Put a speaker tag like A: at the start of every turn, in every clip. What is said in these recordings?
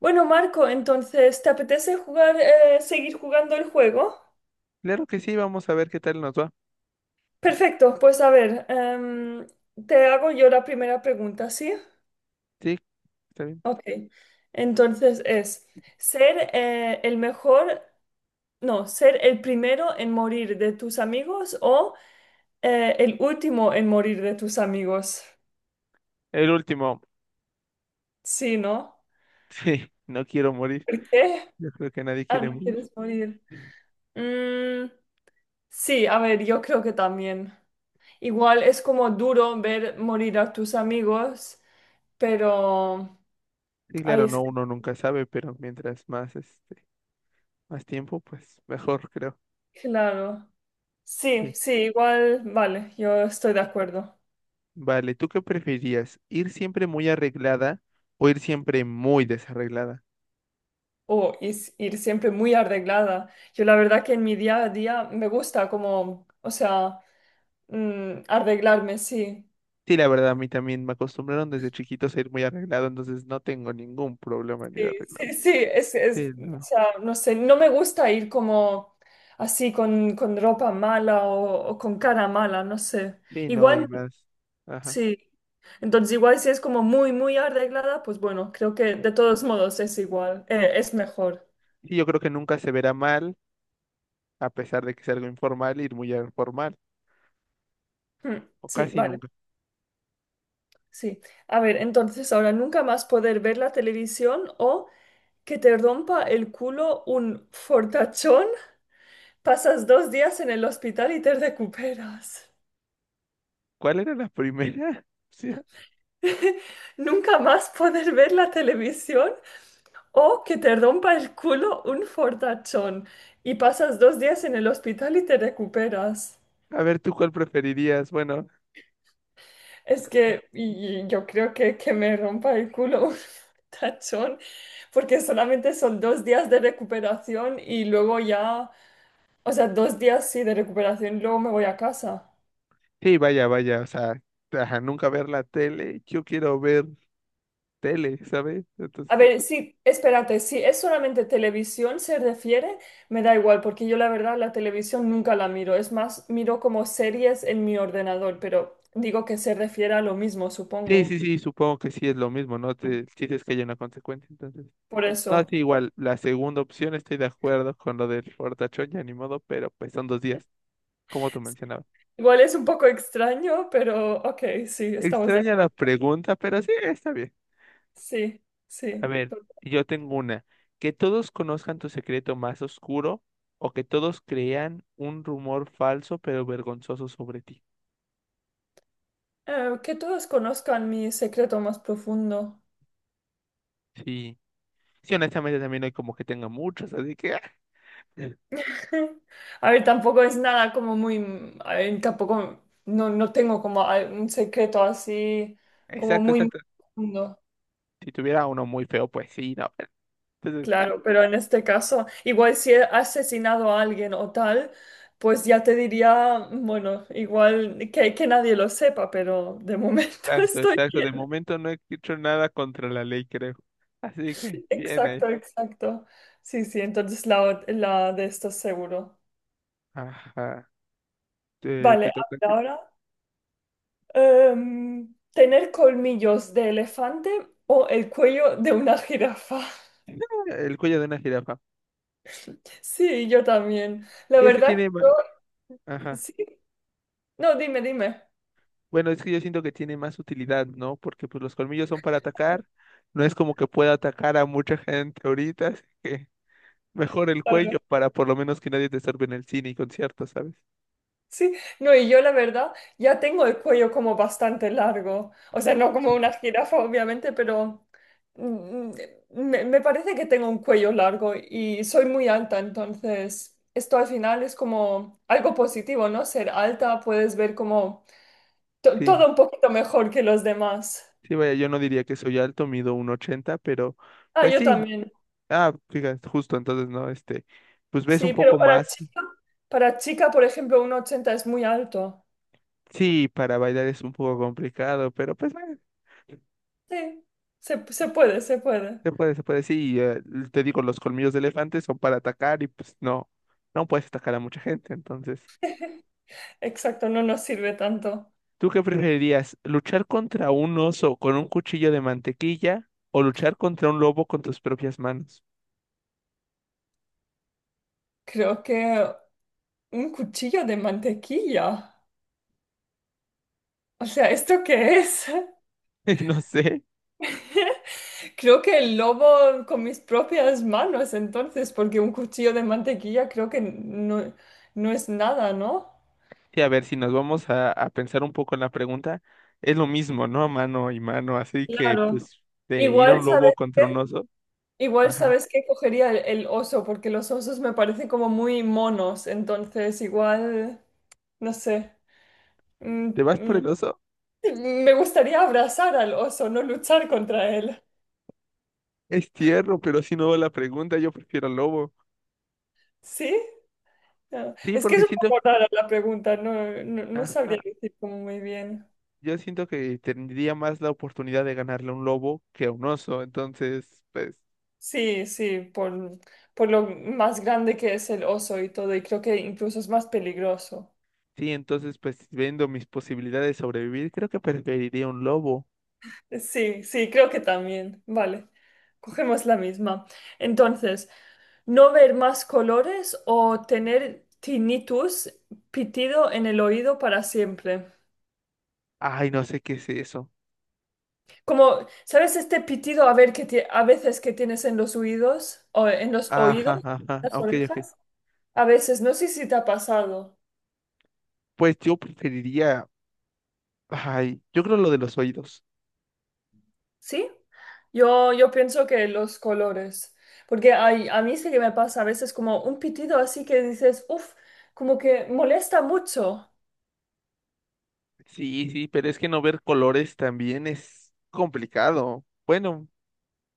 A: Bueno, Marco, entonces, ¿te apetece jugar, seguir jugando el juego?
B: Claro que sí, vamos a ver qué tal nos va.
A: Perfecto, pues a ver, te hago yo la primera pregunta, ¿sí?
B: Sí, está bien.
A: Ok, entonces es, ¿ser el mejor, no, ser el primero en morir de tus amigos o el último en morir de tus amigos?
B: El último.
A: Sí, ¿no?
B: Sí, no quiero morir.
A: ¿Por qué?
B: Yo creo que nadie
A: Ah,
B: quiere
A: no
B: morir.
A: quieres morir. Mm, sí, a ver, yo creo que también. Igual es como duro ver morir a tus amigos, pero.
B: Sí,
A: Ay,
B: claro,
A: es
B: no,
A: que,
B: uno nunca sabe, pero mientras más, más tiempo, pues mejor, creo.
A: claro.
B: Sí.
A: Sí, sí, igual, vale, yo estoy de acuerdo.
B: Vale, ¿tú qué preferías? ¿Ir siempre muy arreglada o ir siempre muy desarreglada?
A: O ir siempre muy arreglada. Yo la verdad que en mi día a día me gusta como, o sea, arreglarme, sí.
B: Sí, la verdad, a mí también me acostumbraron desde chiquitos a ir muy arreglado, entonces no tengo ningún problema en ir
A: Sí,
B: arreglado.
A: sí, sí, es,
B: Sí,
A: es, o
B: no.
A: sea, no sé, no me gusta ir como así con ropa mala o con cara mala, no sé.
B: Sí, no, y
A: Igual.
B: más. Ajá.
A: Sí. Entonces, igual si es como muy, muy arreglada, pues bueno, creo que de todos modos es igual, es mejor.
B: Sí, yo creo que nunca se verá mal, a pesar de que es algo informal, ir muy al formal,
A: Hmm.
B: o
A: Sí,
B: casi
A: vale,
B: nunca.
A: sí. A ver, entonces ahora nunca más poder ver la televisión o que te rompa el culo un fortachón, pasas 2 días en el hospital y te recuperas.
B: ¿Cuál era la primera? O sea,
A: Nunca más poder ver la televisión o que te rompa el culo un fortachón y pasas 2 días en el hospital y te recuperas.
B: a ver, ¿tú cuál preferirías? Bueno,
A: Es que yo creo que, me rompa el culo un tachón, porque solamente son 2 días de recuperación y luego ya, o sea, 2 días sí de recuperación, luego me voy a casa.
B: sí, vaya, vaya, o sea, ajá, nunca ver la tele, yo quiero ver tele, ¿sabes? Entonces,
A: A ver, sí, espérate, si es solamente televisión se refiere, me da igual, porque yo la verdad la televisión nunca la miro, es más, miro como series en mi ordenador, pero digo que se refiere a lo mismo,
B: sí, sí,
A: supongo.
B: sí, supongo que sí es lo mismo, ¿no? Sí es que hay una consecuencia, entonces.
A: Por
B: No,
A: eso.
B: sí, igual, la segunda opción estoy de acuerdo con lo del fortachón, ya ni modo, pero pues son dos días, como tú mencionabas.
A: Igual es un poco extraño, pero ok, sí, estamos de
B: Extraña la
A: acuerdo.
B: pregunta, pero sí, está bien.
A: Sí,
B: A
A: sí.
B: ver, yo tengo una. Que todos conozcan tu secreto más oscuro o que todos crean un rumor falso pero vergonzoso sobre ti.
A: Que todos conozcan mi secreto más profundo.
B: Sí, sí, honestamente también no hay como que tenga muchos, así que...
A: A ver, tampoco es nada como muy, a ver, tampoco, no, no tengo como un secreto así como
B: Exacto,
A: muy
B: exacto.
A: profundo.
B: Si tuviera uno muy feo, pues sí, no, pero entonces,
A: Claro, pero en este caso, igual si he asesinado a alguien o tal, pues ya te diría, bueno, igual que, nadie lo sepa, pero de momento
B: exacto,
A: estoy
B: exacto. De
A: bien.
B: momento no he hecho nada contra la ley, creo. Así que, bien ahí.
A: Exacto, exacto. Sí, sí, entonces la de esto seguro.
B: Ajá, te
A: Vale,
B: toca.
A: habla ahora. ¿Tener colmillos de elefante o el cuello de una jirafa?
B: El cuello de una jirafa.
A: Sí, yo también. La
B: Sí, es que
A: verdad que
B: tiene...
A: yo,
B: Ajá.
A: sí. No, dime, dime.
B: Bueno, es que yo siento que tiene más utilidad, ¿no? Porque pues los colmillos son para atacar. No es como que pueda atacar a mucha gente ahorita, así que mejor el
A: Claro.
B: cuello para por lo menos que nadie te estorbe en el cine y conciertos, ¿sabes?
A: Sí, no, y yo la verdad ya tengo el cuello como bastante largo. O sea, no como una jirafa, obviamente, pero mm, me parece que tengo un cuello largo y soy muy alta, entonces esto al final es como algo positivo, ¿no? Ser alta, puedes ver como
B: Sí,
A: todo un poquito mejor que los demás.
B: sí, vaya, yo no diría que soy alto, mido un ochenta, pero
A: Ah,
B: pues
A: yo
B: sí.
A: también.
B: Ah, fíjate, justo, entonces, ¿no? Este, pues ves
A: Sí,
B: un
A: pero
B: poco más.
A: para chica, por ejemplo, 1,80 es muy alto.
B: Sí, para bailar es un poco complicado, pero pues bueno,
A: Sí, se puede, se puede.
B: se puede, sí, te digo, los colmillos de elefante son para atacar y pues no, no puedes atacar a mucha gente, entonces,
A: Exacto, no nos sirve tanto.
B: ¿tú qué preferirías? ¿Luchar contra un oso con un cuchillo de mantequilla o luchar contra un lobo con tus propias manos?
A: Creo que un cuchillo de mantequilla. O sea, ¿esto qué es?
B: No sé,
A: Creo que el lobo con mis propias manos, entonces, porque un cuchillo de mantequilla creo que no, no es nada, ¿no?
B: sí, a ver, si nos vamos a pensar un poco en la pregunta, es lo mismo, ¿no? Mano y mano, así que
A: Claro.
B: pues de ir a
A: Igual,
B: un lobo
A: ¿sabes?
B: contra un oso,
A: Igual
B: ajá,
A: sabes que cogería el oso, porque los osos me parecen como muy monos, entonces igual, no sé. Mm,
B: ¿te vas por
A: mm,
B: el oso?
A: me gustaría abrazar al oso, no luchar contra él.
B: Es tierno, pero si no va la pregunta, yo prefiero al lobo.
A: ¿Sí? Ah,
B: Sí,
A: Es que es
B: porque
A: un
B: siento,
A: poco rara la pregunta, no, no, no
B: ajá,
A: sabría decir como muy bien.
B: yo siento que tendría más la oportunidad de ganarle a un lobo que a un oso. Entonces, pues,
A: Sí, sí, por lo más grande que es el oso y todo, y creo que incluso es más peligroso.
B: sí, entonces, pues, viendo mis posibilidades de sobrevivir, creo que preferiría un lobo.
A: Sí, sí, creo que también. Vale, cogemos la misma. Entonces. No ver más colores o tener tinnitus, pitido en el oído para siempre.
B: Ay, no sé qué es eso.
A: Como, ¿sabes este pitido a ver que a veces que tienes en los oídos o en los oídos,
B: Ajá, ajá,
A: las
B: ok, ok.
A: orejas? A veces, no sé si te ha pasado.
B: Pues yo preferiría, ay, yo creo lo de los oídos.
A: ¿Sí? Yo pienso que los colores, porque a mí sí que me pasa a veces como un pitido así que dices, uff, como que molesta mucho.
B: Sí, sí, pero es que no ver colores también es complicado. Bueno,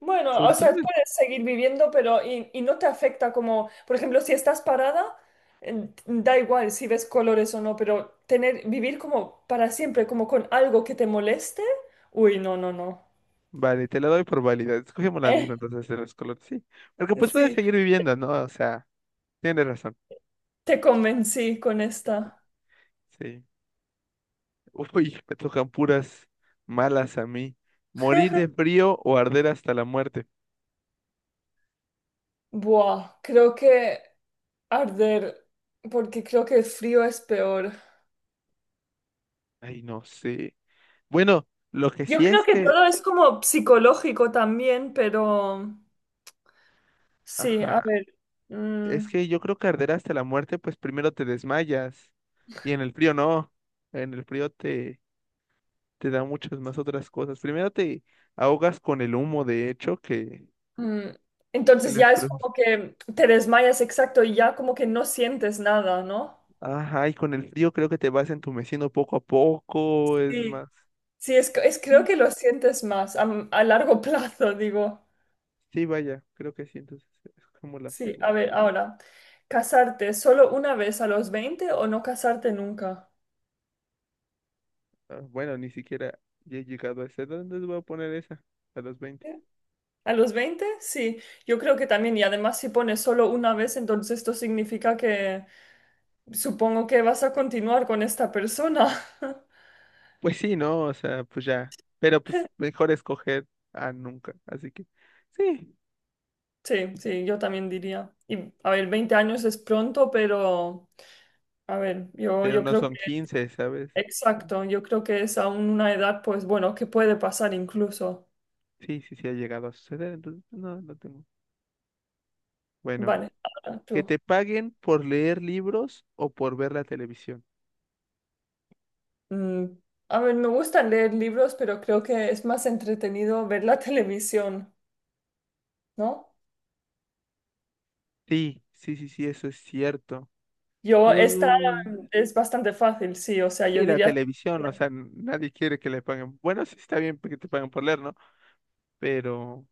A: Bueno,
B: sobre
A: o
B: todo
A: sea, puedes seguir viviendo, pero y no te afecta como, por ejemplo, si estás parada, da igual si ves colores o no, pero tener, vivir como para siempre, como con algo que te moleste, uy, no, no, no.
B: vale, te la doy por válida. Escogemos la misma entonces de los colores, sí. Porque
A: Eh,
B: pues puedes
A: sí,
B: seguir viviendo, ¿no? O sea, tienes razón.
A: te convencí con esta.
B: Sí. Uy, me tocan puras malas a mí. Morir de frío o arder hasta la muerte.
A: Buah, creo que arder, porque creo que el frío es peor.
B: Ay, no sé. Bueno, lo que
A: Yo
B: sí
A: creo
B: es
A: que
B: que,
A: todo es como psicológico también, pero sí, a
B: ajá,
A: ver.
B: es
A: Mm.
B: que yo creo que arder hasta la muerte, pues primero te desmayas. Y en el frío no. En el frío te da muchas más otras cosas. Primero te ahogas con el humo, de hecho, que
A: Mm.
B: que
A: Entonces
B: las
A: ya es
B: flores.
A: como que te desmayas exacto y ya como que no sientes nada, ¿no?
B: Ajá, y con el frío creo que te vas entumeciendo poco a poco, es
A: Sí,
B: más.
A: sí, es
B: Sí,
A: creo que lo sientes más a largo plazo, digo.
B: sí, vaya, creo que sí, entonces es como la
A: Sí, a
B: segunda.
A: ver, ahora, ¿casarte solo una vez a los 20 o no casarte nunca?
B: Ah, bueno, ni siquiera ya he llegado a esa edad, entonces voy a poner esa, a los 20.
A: ¿A los veinte? Sí, yo creo que también, y además si pones solo una vez, entonces esto significa que supongo que vas a continuar con esta persona.
B: Pues sí, ¿no? O sea, pues ya. Pero pues mejor escoger a nunca, así que sí,
A: Sí, sí, yo también diría. Y a ver, 20 años es pronto, pero a ver,
B: pero
A: yo
B: no
A: creo
B: son
A: que,
B: 15, ¿sabes? No,
A: exacto, yo creo que es aún una edad, pues bueno, que puede pasar incluso.
B: sí, sí, sí ha llegado a suceder, entonces pues no, no tengo. Bueno,
A: Vale, ahora
B: que
A: tú.
B: te paguen por leer libros o por ver la televisión.
A: Mm, a ver, me gusta leer libros, pero creo que es más entretenido ver la televisión, ¿no?
B: Sí, sí, sí, sí, eso es cierto.
A: Yo, esta
B: Mm,
A: es bastante fácil, sí, o sea, yo
B: sí, la
A: diría,
B: televisión, o sea, nadie quiere que le paguen. Bueno, sí está bien que te paguen por leer, ¿no? Pero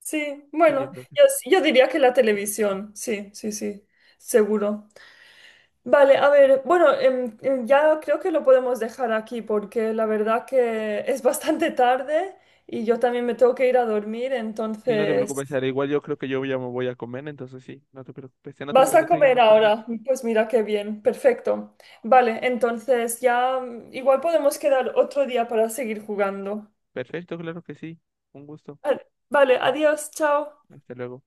A: sí,
B: sí, yo
A: bueno,
B: creo que sí.
A: yo diría que la televisión, sí, sí, sí, seguro. Vale, a ver, bueno, ya creo que lo podemos dejar aquí porque la verdad que es bastante tarde y yo también me tengo que ir a dormir,
B: Sí, no te preocupes,
A: entonces.
B: Sara. Igual yo creo que yo ya me voy a comer, entonces sí, no te preocupes. En otra
A: ¿Vas a
B: ocasión
A: comer
B: seguimos jugando.
A: ahora? Pues mira qué bien, perfecto. Vale, entonces ya igual podemos quedar otro día para seguir jugando.
B: Perfecto, claro que sí. Un gusto.
A: Vale, vale, adiós, chao.
B: Hasta luego.